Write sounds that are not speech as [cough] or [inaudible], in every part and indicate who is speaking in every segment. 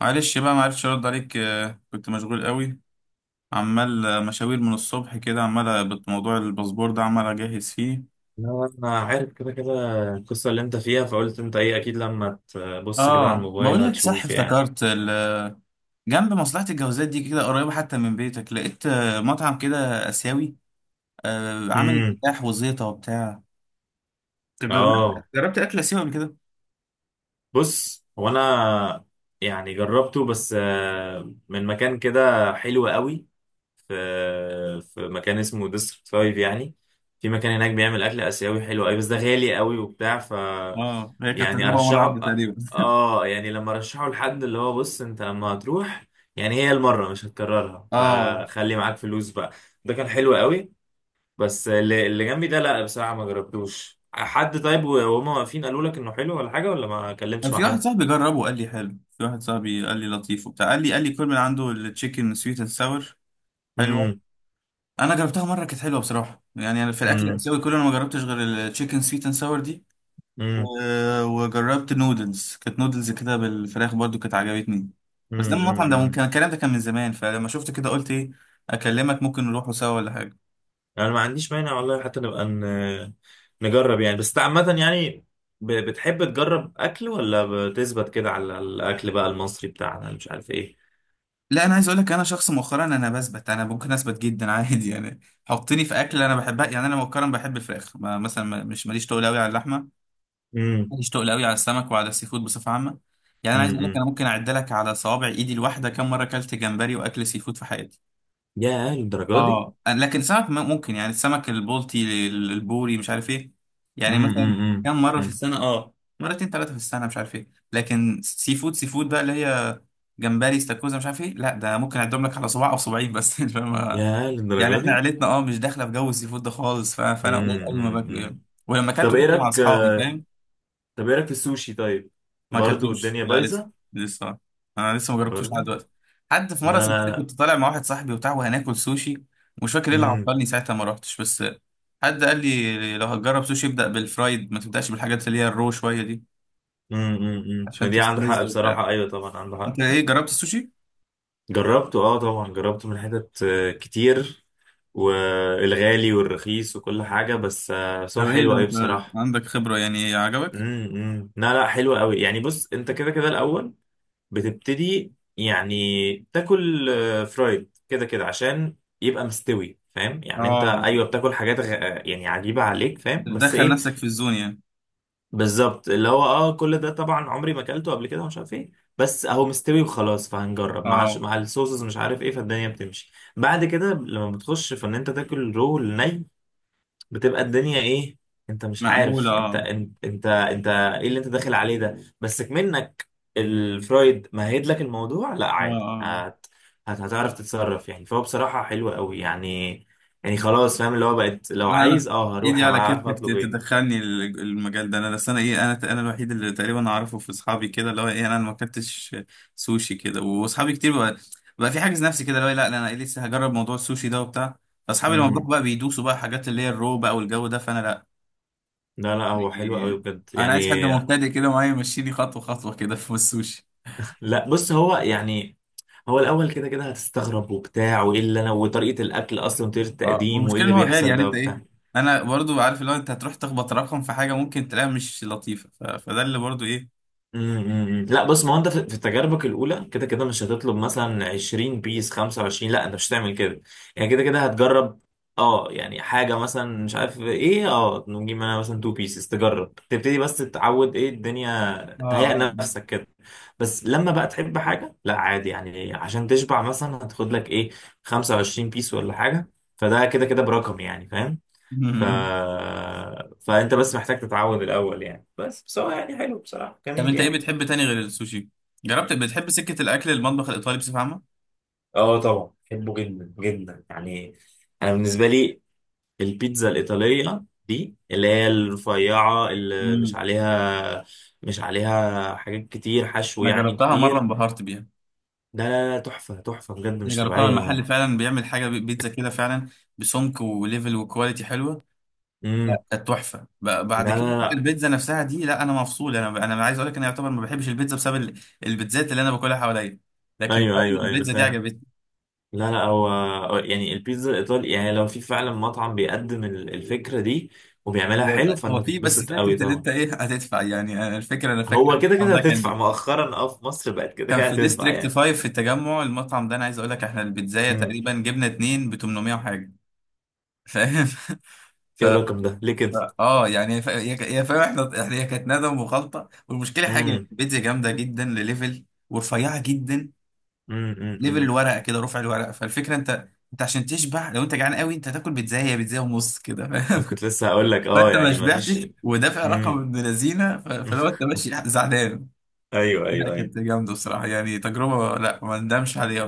Speaker 1: معلش بقى معرفتش ارد عليك، كنت مشغول قوي. عمال، مشاوير من الصبح كده، عمال موضوع الباسبور ده، عمال اجهز فيه.
Speaker 2: لا، انا عارف كده كده. القصه اللي انت فيها، فقلت انت ايه، اكيد لما تبص كده على
Speaker 1: اه
Speaker 2: الموبايل
Speaker 1: بقول لك صح،
Speaker 2: هتشوف يعني.
Speaker 1: افتكرت جنب مصلحة الجوازات دي كده قريبة حتى من بيتك، لقيت مطعم كده آسيوي، عامل
Speaker 2: امم
Speaker 1: افتتاح وزيطة وبتاع. طب جربت
Speaker 2: اه،
Speaker 1: جربت اكل آسيوي قبل كده؟
Speaker 2: بص هو انا، يعني جربته، بس من مكان كده حلو قوي. في في مكان اسمه ديستريكت 5 يعني. في مكان هناك بيعمل اكل اسيوي حلو قوي، بس ده غالي قوي وبتاع ف
Speaker 1: اه، هي كانت
Speaker 2: يعني
Speaker 1: تجربة مرة
Speaker 2: ارشحه.
Speaker 1: واحدة تقريبا.
Speaker 2: اه يعني لما ارشحه لحد اللي هو بص انت لما هتروح، يعني هي المره مش هتكررها
Speaker 1: اه،
Speaker 2: فخلي معاك فلوس بقى. ده كان حلو قوي. بس اللي جنبي ده، لا بصراحه ما جربتوش. حد طيب وهم واقفين قالوا لك انه حلو ولا حاجه؟ ولا ما كلمتش
Speaker 1: كان
Speaker 2: مع
Speaker 1: في واحد
Speaker 2: حد؟
Speaker 1: صاحبي جربه قال لي حلو، في واحد صاحبي قال لي لطيف وبتاع، قال لي كل من عنده التشيكن سويت اند ساور حلوة.
Speaker 2: امم،
Speaker 1: انا جربتها مره كانت حلوه بصراحه، يعني أنا في الاكل
Speaker 2: امم،
Speaker 1: الاسيوي كله انا ما جربتش غير التشيكن سويت اند ساور دي. وجربت نودلز، كانت نودلز كده بالفراخ برضو، كانت عجبتني. بس ده المطعم ده ممكن
Speaker 2: امم.
Speaker 1: الكلام ده كان من زمان، فلما شفت كده قلت ايه اكلمك، ممكن نروحوا سوا ولا حاجه.
Speaker 2: يعني انا ما عنديش مانع والله، حتى نبقى نجرب يعني. بس عامة يعني بتحب تجرب اكل ولا بتثبت كده على الاكل بقى المصري بتاعنا اللي مش عارف ايه؟
Speaker 1: لا، انا عايز اقول لك، انا شخص مؤخرا انا بثبت، انا ممكن اثبت جدا عادي يعني. حطني في اكل انا بحبها، يعني انا مؤخرا بحب الفراخ، مثلا، مش ماليش تقول قوي على اللحمه.
Speaker 2: امم،
Speaker 1: مشتاق قوي على السمك وعلى السي فود بصفه عامه. يعني انا عايز اقول لك
Speaker 2: امم.
Speaker 1: انا ممكن اعد لك على صوابع ايدي الواحده كم مره اكلت جمبري واكل سي فود في حياتي.
Speaker 2: يا للدرجة دي.
Speaker 1: اه، لكن سمك ممكن، يعني السمك البلطي، البوري، مش عارف ايه، يعني
Speaker 2: امم،
Speaker 1: مثلا
Speaker 2: امم،
Speaker 1: كم مره في
Speaker 2: امم.
Speaker 1: السنه، اه، مرتين ثلاثه في السنه مش عارف ايه. لكن سي فود، سي فود بقى اللي هي جمبري استاكوزا مش عارف ايه، لا ده ممكن اعدهم لك على صباع او صباعين بس [laughs] مش فاهم.
Speaker 2: يا
Speaker 1: يعني
Speaker 2: للدرجة
Speaker 1: احنا
Speaker 2: دي.
Speaker 1: عيلتنا، اه، مش داخله في جو السي فود ده خالص، فانا قليل قوي ما
Speaker 2: امم،
Speaker 1: باكله يعني.
Speaker 2: امم.
Speaker 1: ولما
Speaker 2: طب
Speaker 1: اكلته
Speaker 2: ايه
Speaker 1: كنت مع
Speaker 2: رايك؟
Speaker 1: اصحابي، فاهم.
Speaker 2: طب ايه رايك في السوشي طيب؟
Speaker 1: ما
Speaker 2: برضو
Speaker 1: اكلتوش،
Speaker 2: الدنيا
Speaker 1: لا لسه،
Speaker 2: بايظة.
Speaker 1: لسه، انا لسه ما جربتوش لحد
Speaker 2: برضو.
Speaker 1: دلوقتي. حد في
Speaker 2: لا
Speaker 1: مره،
Speaker 2: لا
Speaker 1: صدقني
Speaker 2: لا.
Speaker 1: كنت طالع مع واحد صاحبي وبتاع وهناكل سوشي، ومش فاكر ايه اللي
Speaker 2: امم،
Speaker 1: عطلني ساعتها ما رحتش بس. حد قال لي لو هتجرب سوشي ابدا بالفرايد، ما تبداش بالحاجات اللي هي الرو شويه دي،
Speaker 2: امم، امم، ما
Speaker 1: عشان
Speaker 2: دي عنده حق
Speaker 1: تستلذ وبتاع.
Speaker 2: بصراحة. ايوه طبعا عنده
Speaker 1: انت
Speaker 2: حق.
Speaker 1: ايه، جربت السوشي؟
Speaker 2: جربته، اه طبعا جربته من حتت كتير، والغالي والرخيص وكل حاجة. بس بس هو
Speaker 1: طب ايه
Speaker 2: حلو
Speaker 1: ده،
Speaker 2: قوي
Speaker 1: انت
Speaker 2: بصراحة.
Speaker 1: عندك خبره يعني، عجبك؟
Speaker 2: امم، لا لا، حلو قوي يعني. بص انت كده كده الأول بتبتدي يعني تاكل فرايد كده كده عشان يبقى مستوي، فاهم يعني. انت
Speaker 1: اه،
Speaker 2: ايوه بتاكل حاجات غ... آه، يعني عجيبة عليك فاهم، بس
Speaker 1: بتدخل
Speaker 2: ايه
Speaker 1: نفسك في الزون يعني.
Speaker 2: بالظبط اللي هو اه. كل ده طبعا عمري ما اكلته قبل كده ومش عارف ايه. بس اهو مستوي وخلاص، فهنجرب مع
Speaker 1: اه
Speaker 2: مع الصوصز مش عارف ايه، فالدنيا بتمشي بعد كده. لما بتخش في ان انت تاكل رو ني بتبقى الدنيا ايه؟ انت مش
Speaker 1: مقبوله،
Speaker 2: عارف انت
Speaker 1: اه،
Speaker 2: انت انت, انت ايه اللي انت داخل عليه ده، بس منك الفرايد مهد لك الموضوع. لا
Speaker 1: اه،
Speaker 2: عادي،
Speaker 1: اه آه."
Speaker 2: هتعرف تتصرف يعني، فهو بصراحة حلو قوي يعني. يعني خلاص فاهم اللي هو بقت لو
Speaker 1: لا انا،
Speaker 2: عايز اه هروح
Speaker 1: ايدي على
Speaker 2: ابقى عارف
Speaker 1: كتفك
Speaker 2: اطلب
Speaker 1: تدخلني المجال ده، انا بس، انا ايه، انا الوحيد اللي تقريبا اعرفه في اصحابي كده اللي هو ايه، انا ما اكلتش سوشي كده، واصحابي كتير بقى، بقى في حاجز نفسي كده اللي هو إيه، لا لا، انا إيه لسه هجرب موضوع السوشي ده وبتاع. فاصحابي لما بروح
Speaker 2: ايه.
Speaker 1: بقى بيدوسوا بقى حاجات اللي هي الرو بقى والجو ده، فانا لا.
Speaker 2: لا لا، هو حلو قوي
Speaker 1: يعني
Speaker 2: بجد
Speaker 1: انا
Speaker 2: يعني.
Speaker 1: عايز حد مبتدئ كده معايا يمشيني خطوه خطوه كده في السوشي.
Speaker 2: لا بص، هو يعني هو الاول كده كده هتستغرب وبتاع، وايه اللي انا وطريقه الاكل اصلا وطريقه
Speaker 1: اه،
Speaker 2: التقديم وايه
Speaker 1: والمشكله ان
Speaker 2: اللي
Speaker 1: هو غالي،
Speaker 2: بيحصل
Speaker 1: يعني
Speaker 2: ده
Speaker 1: انت ايه،
Speaker 2: وبتاع.
Speaker 1: انا برضو عارف اللي هو انت هتروح تخبط رقم في حاجه ممكن تلاقيها مش لطيفه، فده اللي برضو ايه.
Speaker 2: أمم، أمم. لا بص، ما هو انت في تجاربك الاولى كده كده مش هتطلب مثلا 20 بيس 25، لا انت مش هتعمل كده. يعني كده كده هتجرب اه، يعني حاجه مثلا مش عارف ايه. اه نجيب انا مثلا 2 بيسز، تجرب تبتدي بس تتعود ايه الدنيا، تهيأ
Speaker 1: اه
Speaker 2: نفسك كده. بس لما بقى تحب حاجة، لا عادي يعني، عشان تشبع مثلا هتاخد لك ايه 25 بيس ولا حاجة. فده كده كده برقم يعني، فاهم. ف...
Speaker 1: آه. [laughs]
Speaker 2: فانت بس محتاج تتعود الأول يعني. بس بس هو يعني حلو بصراحة،
Speaker 1: طب
Speaker 2: جميل
Speaker 1: انت ايه
Speaker 2: يعني.
Speaker 1: بتحب تاني غير السوشي، جربت؟ بتحب سكة الاكل، المطبخ الايطالي بصفة عامة؟
Speaker 2: اه طبعا بحبه جدا جدا يعني. انا بالنسبة لي البيتزا الإيطالية دي اللي هي الرفيعة اللي مش
Speaker 1: امم،
Speaker 2: عليها، مش عليها حاجات كتير حشو
Speaker 1: انا
Speaker 2: يعني
Speaker 1: جربتها مرة،
Speaker 2: كتير.
Speaker 1: انبهرت بيها.
Speaker 2: ده تحفة تحفة بجد،
Speaker 1: انا
Speaker 2: مش
Speaker 1: جربتها،
Speaker 2: طبيعية
Speaker 1: المحل
Speaker 2: يعني.
Speaker 1: فعلا بيعمل حاجة بيتزا كده فعلا، بسمك وليفل وكواليتي حلوة.
Speaker 2: امم.
Speaker 1: لا كانت تحفة، بعد
Speaker 2: لا
Speaker 1: كده بقى
Speaker 2: لا
Speaker 1: البيتزا نفسها دي، لا انا مفصول، انا عايز اقول لك انا يعتبر ما بحبش البيتزا بسبب البيتزات اللي انا باكلها حواليا،
Speaker 2: لا.
Speaker 1: لكن
Speaker 2: ايوه
Speaker 1: فعلا
Speaker 2: ايوه ايوه، انا
Speaker 1: البيتزا دي
Speaker 2: فاهم.
Speaker 1: عجبتني.
Speaker 2: لا لا، هو هو يعني البيتزا الايطالي يعني لو في فعلا مطعم بيقدم الفكره دي وبيعملها
Speaker 1: هو
Speaker 2: حلو، فانت
Speaker 1: هو في بس
Speaker 2: هتتبسط قوي
Speaker 1: فكرة ان
Speaker 2: طبعا.
Speaker 1: انت ايه هتدفع يعني، انا الفكرة، انا فاكر
Speaker 2: هو كده
Speaker 1: المطعم
Speaker 2: كده
Speaker 1: ده
Speaker 2: هتدفع،
Speaker 1: كان،
Speaker 2: مؤخرا اه في مصر بقت كده
Speaker 1: كان
Speaker 2: كده
Speaker 1: في
Speaker 2: هتدفع
Speaker 1: ديستريكت
Speaker 2: يعني.
Speaker 1: 5 في التجمع، المطعم ده انا عايز اقول لك احنا البيتزايه
Speaker 2: امم.
Speaker 1: تقريبا جبنا اتنين ب 800 وحاجه فاهم [laughs] ف
Speaker 2: ايه الرقم ده ليه كده؟
Speaker 1: يعني، هي هي فاهم، احنا هي كانت ندم وخلطه، والمشكله حاجه إن
Speaker 2: امم،
Speaker 1: البيتزا جامده جدا لليفل، ورفيعه جدا.
Speaker 2: امم، امم،
Speaker 1: ليفل
Speaker 2: أمم.
Speaker 1: الورقه كده، رفع الورقه، فالفكره انت، انت عشان تشبع لو انت جعان قوي، انت هتاكل بيتزايه، هي بيتزايه ونص كده فاهم
Speaker 2: كنت لسه هقول لك
Speaker 1: [laughs]
Speaker 2: اه
Speaker 1: فانت ما
Speaker 2: يعني ما فيش.
Speaker 1: شبعتش ودافع رقم
Speaker 2: امم.
Speaker 1: ابن لذينه، فلو انت ماشي زعلان.
Speaker 2: [laughs] ايوه
Speaker 1: لا
Speaker 2: ايوه ايوه.
Speaker 1: كانت جامده بصراحه يعني، تجربه، لا ما ندمش عليها،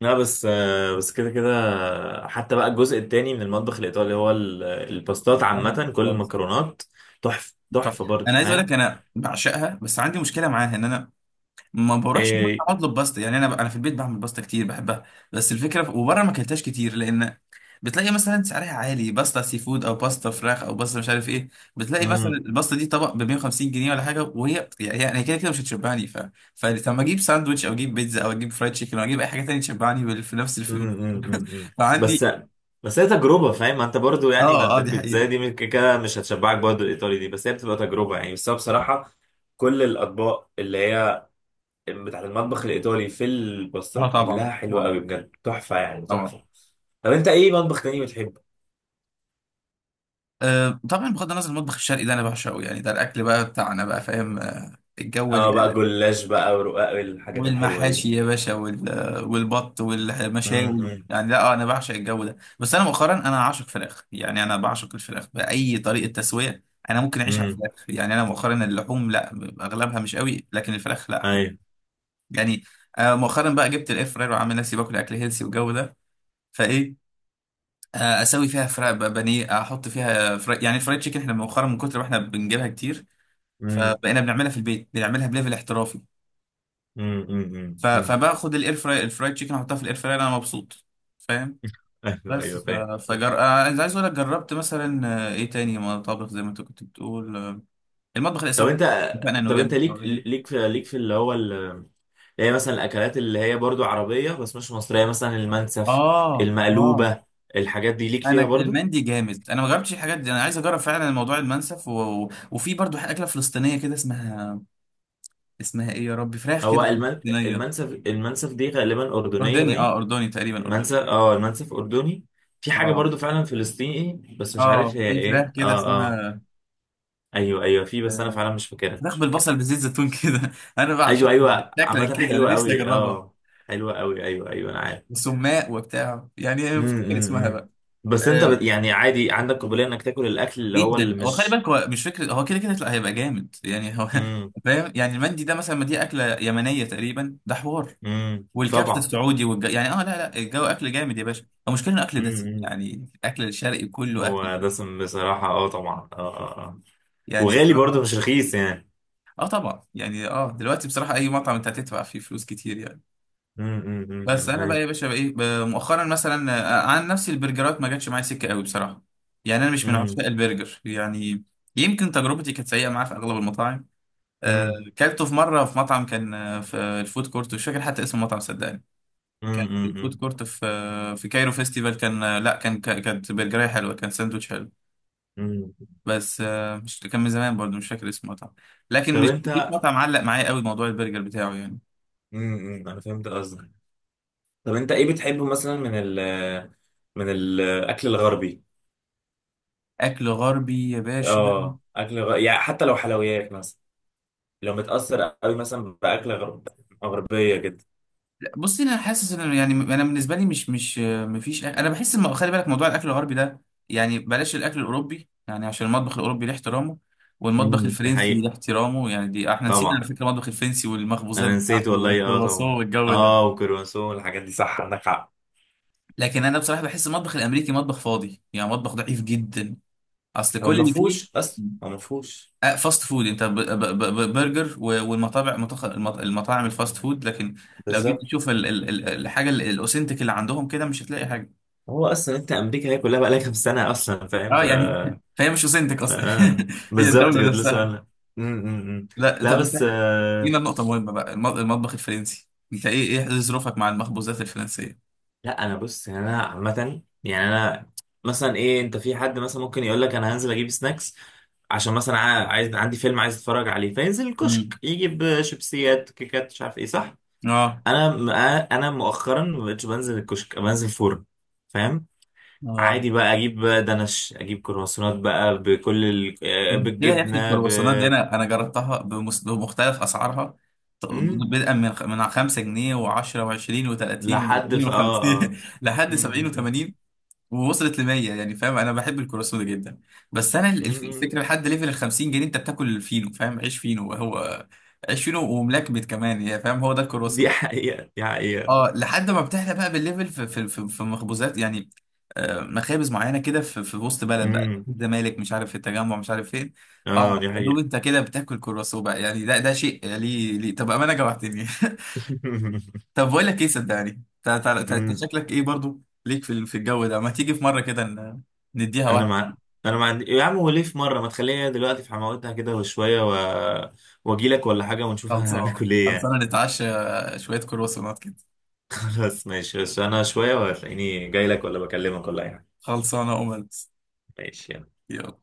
Speaker 2: لا بس بس كده كده حتى بقى الجزء التاني من المطبخ الإيطالي هو الباستات عامة، كل
Speaker 1: بصراحه.
Speaker 2: المكرونات تحفة
Speaker 1: طب
Speaker 2: تحفة برضه،
Speaker 1: انا عايز اقول لك
Speaker 2: فاهم.
Speaker 1: انا بعشقها، بس عندي مشكله معاها ان انا ما بروحش المطعم
Speaker 2: إيه.
Speaker 1: اطلب باستا، يعني انا، انا في البيت بعمل باستا كتير بحبها. بس الفكره وبره ما اكلتهاش كتير، لان بتلاقي مثلا سعرها عالي، باستا سي فود او باستا فراخ او باستا مش عارف ايه، بتلاقي مثلا
Speaker 2: مم،
Speaker 1: الباستا دي طبق ب 150 جنيه ولا حاجه، وهي يعني، يعني هي كده كده مش هتشبعني، ف فلما اجيب ساندوتش او اجيب بيتزا او اجيب فرايد تشيكن او اجيب اي حاجه تانية تشبعني في نفس
Speaker 2: مم،
Speaker 1: الفلوس
Speaker 2: مم، مم، مم.
Speaker 1: [laughs]
Speaker 2: بس
Speaker 1: فعندي.
Speaker 2: بس هي تجربة فاهم. ما انت برضه يعني، ما
Speaker 1: اه
Speaker 2: انت
Speaker 1: اه دي
Speaker 2: البيتزا
Speaker 1: حقيقه.
Speaker 2: دي من كده كده مش هتشبعك برضه الإيطالي دي، بس هي بتبقى تجربة يعني. بس أنا بصراحة كل الأطباق اللي هي بتاعت المطبخ الإيطالي في
Speaker 1: اه
Speaker 2: الباستات
Speaker 1: طبعا،
Speaker 2: كلها حلوة
Speaker 1: طبعا،
Speaker 2: قوي بجد، تحفة يعني
Speaker 1: طبعا.
Speaker 2: تحفة. طب انت ايه مطبخ تاني بتحبه؟
Speaker 1: طبعا بغض النظر المطبخ الشرقي ده انا بعشقه، يعني ده الاكل بقى بتاعنا بقى، فاهم، الجو
Speaker 2: اه بقى، جلاش بقى، ورقاق، الحاجات الحلوة دي.
Speaker 1: والمحاشي يا باشا، والبط والمشاوي
Speaker 2: امم،
Speaker 1: يعني، لا انا بعشق الجو ده. بس انا مؤخرا انا عاشق فراخ، يعني انا بعشق الفراخ باي طريقه تسويه. انا ممكن اعيش على
Speaker 2: امم.
Speaker 1: الفراخ، يعني انا مؤخرا اللحوم لا، اغلبها مش قوي، لكن الفراخ لا حلو
Speaker 2: ايوه.
Speaker 1: يعني. مؤخرا بقى جبت الاير فراير، وعامل نفسي باكل اكل هيلسي والجو ده، فايه اسوي فيها فراخ بانيه، احط فيها فراخ، يعني الفرايد تشيكن احنا مؤخرا من كتر ما احنا بنجيبها كتير،
Speaker 2: امم،
Speaker 1: فبقينا بنعملها في البيت، بنعملها بليفل احترافي،
Speaker 2: امم، امم.
Speaker 1: فباخد الاير فراي الفرايد تشيكن احطها في الاير فراي، انا مبسوط فاهم.
Speaker 2: ايوه
Speaker 1: بس
Speaker 2: ايوه فاهم فاهم.
Speaker 1: فجر عايز، عايز اقول لك جربت مثلا، ايه تاني مطابخ زي ما انت كنت بتقول، المطبخ
Speaker 2: طب
Speaker 1: الاسيوي احنا
Speaker 2: انت،
Speaker 1: اتفقنا انه
Speaker 2: طب انت
Speaker 1: جامد.
Speaker 2: ليك ليك في ليك في اللي هو هي مثلا الاكلات اللي هي برضو عربية بس مش مصرية، مثلا المنسف،
Speaker 1: اه اه،
Speaker 2: المقلوبة، الحاجات دي ليك
Speaker 1: انا
Speaker 2: فيها برضو؟
Speaker 1: المندي جامد، انا ما جربتش الحاجات دي، انا عايز اجرب فعلا الموضوع المنسف، وفي برضو اكله فلسطينيه كده اسمها، اسمها ايه يا ربي، فراخ
Speaker 2: هو
Speaker 1: كده فلسطينيه،
Speaker 2: المنسف المنسف دي غالبا أردنية
Speaker 1: اردني اه،
Speaker 2: باين.
Speaker 1: اردني تقريبا اردني.
Speaker 2: المنسف، اه المنسف أردني. في حاجة
Speaker 1: اه
Speaker 2: برضو فعلا فلسطيني بس مش عارف
Speaker 1: اه
Speaker 2: هي
Speaker 1: في
Speaker 2: ايه،
Speaker 1: فراخ
Speaker 2: اه
Speaker 1: كده
Speaker 2: آه.
Speaker 1: اسمها،
Speaker 2: ايوه ايوه، في، بس انا
Speaker 1: آه،
Speaker 2: فعلا مش فاكرها
Speaker 1: فراخ
Speaker 2: مش فاكرها.
Speaker 1: بالبصل بزيت زيتون كده [laughs] انا
Speaker 2: ايوه
Speaker 1: بعشقها،
Speaker 2: ايوه
Speaker 1: شكلا
Speaker 2: عامه
Speaker 1: كده انا
Speaker 2: حلوه
Speaker 1: نفسي
Speaker 2: قوي
Speaker 1: اجربها،
Speaker 2: اه. حلوه قوي ايوه ايوه، انا عارف.
Speaker 1: وسماق وبتاع يعني
Speaker 2: امم،
Speaker 1: افتكر
Speaker 2: امم،
Speaker 1: اسمها
Speaker 2: إمم.
Speaker 1: بقى.
Speaker 2: بس انت
Speaker 1: آه
Speaker 2: يعني عادي عندك قابليه انك تاكل الاكل اللي هو اللي
Speaker 1: جدا، هو خلي
Speaker 2: مش؟
Speaker 1: بالك هو مش فكره، هو كده كده لا هيبقى جامد يعني هو
Speaker 2: امم،
Speaker 1: [laughs] فاهم، يعني المندي ده مثلا، ما دي اكله يمنيه تقريبا، ده حوار،
Speaker 2: امم،
Speaker 1: والكبسه
Speaker 2: طبعا.
Speaker 1: السعودي، يعني اه، لا لا، الجو اكل جامد يا باشا، المشكله انه اكل
Speaker 2: امم،
Speaker 1: دسم،
Speaker 2: إمم.
Speaker 1: يعني الاكل الشرقي كله اكل
Speaker 2: هو
Speaker 1: دسم
Speaker 2: دسم بصراحه، اه طبعا، اه اه اه.
Speaker 1: يعني
Speaker 2: وغالي برضه
Speaker 1: الصراحه.
Speaker 2: مش رخيص يعني.
Speaker 1: اه طبعا يعني، اه دلوقتي بصراحه اي مطعم انت هتدفع فيه فلوس كتير يعني.
Speaker 2: امم، امم، إمم،
Speaker 1: بس
Speaker 2: انا
Speaker 1: انا بقى
Speaker 2: فاهم.
Speaker 1: يا باشا بقى ايه، مؤخرا مثلا عن نفسي البرجرات ما جاتش معايا سكه قوي بصراحه، يعني انا مش من
Speaker 2: امم،
Speaker 1: عشاق البرجر يعني، يمكن تجربتي كانت سيئه معاه في اغلب المطاعم. آه،
Speaker 2: امم،
Speaker 1: كلته في مره في مطعم كان في الفود كورت، مش فاكر حتى اسم المطعم صدقني،
Speaker 2: امم،
Speaker 1: كان في الفود
Speaker 2: امم،
Speaker 1: كورت في في كايرو فيستيفال، كان لا كان كانت برجرية حلوه، كان ساندوتش حلو.
Speaker 2: إمم.
Speaker 1: بس مش كان من زمان برضه مش فاكر اسم المطعم، لكن
Speaker 2: طب
Speaker 1: مش مفيش
Speaker 2: انت؟
Speaker 1: مطعم علق معايا قوي موضوع البرجر بتاعه يعني.
Speaker 2: امم، إمم، انا فهمت قصدك. طب انت ايه بتحبه مثلا من ال، من الاكل الغربي؟
Speaker 1: اكل غربي يا باشا،
Speaker 2: اه اكل يعني حتى لو حلويات مثلا، لو متأثر قوي مثلا غربية جدا.
Speaker 1: بصي انا حاسس ان يعني، انا بالنسبه لي مش، مش مفيش، انا بحس ان خلي بالك موضوع الاكل الغربي ده، يعني بلاش الاكل الاوروبي يعني عشان المطبخ الاوروبي له احترامه، والمطبخ
Speaker 2: امم، دي
Speaker 1: الفرنسي
Speaker 2: حقيقة.
Speaker 1: له احترامه، يعني دي احنا نسينا على
Speaker 2: طبعا.
Speaker 1: فكره المطبخ الفرنسي والمخبوزات
Speaker 2: انا نسيت
Speaker 1: بتاعته
Speaker 2: والله، اه
Speaker 1: والكرواسون
Speaker 2: طبعا.
Speaker 1: والجو ده.
Speaker 2: اه وكرواسون والحاجات دي، صح عندك حق.
Speaker 1: لكن انا بصراحه بحس المطبخ الامريكي مطبخ فاضي، يعني مطبخ ضعيف جدا، اصل
Speaker 2: هو
Speaker 1: كل
Speaker 2: ما
Speaker 1: اللي فيه
Speaker 2: فيهوش اصلا، هو ما فيهوش.
Speaker 1: فاست فود، انت برجر، والمطابع، المطاعم الفاست فود، لكن لو جيت
Speaker 2: بالظبط.
Speaker 1: تشوف الحاجه الاوثنتيك اللي عندهم كده مش هتلاقي حاجه.
Speaker 2: هو اصلا انت، امريكا هي كلها بقى لها كام سنة اصلا، فاهم
Speaker 1: اه
Speaker 2: ف
Speaker 1: يعني [laughs]
Speaker 2: آه.
Speaker 1: فهي مش وسنتك اصلا
Speaker 2: آه،
Speaker 1: [laughs] هي
Speaker 2: بالظبط كده
Speaker 1: الدوله
Speaker 2: لسه
Speaker 1: نفسها.
Speaker 2: انا. امم.
Speaker 1: لا
Speaker 2: لا
Speaker 1: طب
Speaker 2: بس
Speaker 1: انت،
Speaker 2: آه...
Speaker 1: جينا النقطه مهمه بقى، المطبخ الفرنسي انت ايه، ايه ظروفك مع المخبوزات الفرنسيه؟
Speaker 2: لا انا بص، يعني انا عامة يعني انا مثلا ايه. انت في حد مثلا ممكن يقول لك انا هنزل اجيب سناكس، عشان مثلا عايز عندي فيلم عايز اتفرج عليه، فينزل الكشك
Speaker 1: امم
Speaker 2: يجيب شيبسيات كيكات مش عارف ايه، صح.
Speaker 1: اه
Speaker 2: انا م- انا مؤخرا ما بقتش بنزل الكشك، بنزل فرن فاهم.
Speaker 1: اه،
Speaker 2: عادي بقى، اجيب دنش، اجيب كرواسونات بقى بكل ال... آه،
Speaker 1: لا يا اخي
Speaker 2: بالجبنه ب.
Speaker 1: الكرواسونات دي انا جربتها بمختلف اسعارها، ط-
Speaker 2: مم.
Speaker 1: بدءا من 5 جنيه و10 و20 و30
Speaker 2: لحد
Speaker 1: و40
Speaker 2: في، اه
Speaker 1: و50
Speaker 2: اه.
Speaker 1: [laughs] لحد
Speaker 2: مم،
Speaker 1: 70
Speaker 2: مم، مم.
Speaker 1: و80، ووصلت ل 100 يعني فاهم، انا بحب الكرواسون جدا. بس انا
Speaker 2: مم، مم.
Speaker 1: الفكره لحد ليفل ال 50 جنيه انت بتاكل الفينو، فاهم، عيش فينو، هو عيش فينو وملكمت كمان، يعني فاهم هو ده
Speaker 2: دي
Speaker 1: الكرواسون.
Speaker 2: حقيقه دي حقيقه.
Speaker 1: اه لحد ما بتحلى بقى بالليفل في، في مخبوزات يعني، مخابز معينه كده في، في وسط بلد بقى،
Speaker 2: مم.
Speaker 1: الزمالك مش عارف، في التجمع مش عارف فين. اه
Speaker 2: اه دي
Speaker 1: يا دوب
Speaker 2: حقيقه.
Speaker 1: انت كده بتاكل كرواسون بقى، يعني ده ده شيء، ليه ليه طب امانه جوعتني [laughs]
Speaker 2: [laughs]
Speaker 1: طب بقول لك ايه صدقني، انت، أنت
Speaker 2: مم.
Speaker 1: شكلك ايه برضو، ليك في في الجو ده، ما تيجي في مره كده
Speaker 2: انا
Speaker 1: نديها.
Speaker 2: مع، انا مع يا عم. وليه في مره ما تخليها دلوقتي في حماوتها كده وشويه و... واجي لك ولا حاجه ونشوفها؟ [laughs]
Speaker 1: خلصانة،
Speaker 2: هناكل ايه يعني؟
Speaker 1: خلصانة نتعشى شوية كرواسونات كده.
Speaker 2: [laughs] خلاص ماشي، بس انا شويه وهتلاقيني جاي لك، ولا بكلمك ولا اي حاجه.
Speaker 1: خلصانة أملت،
Speaker 2: ماشي يلا.
Speaker 1: يلا.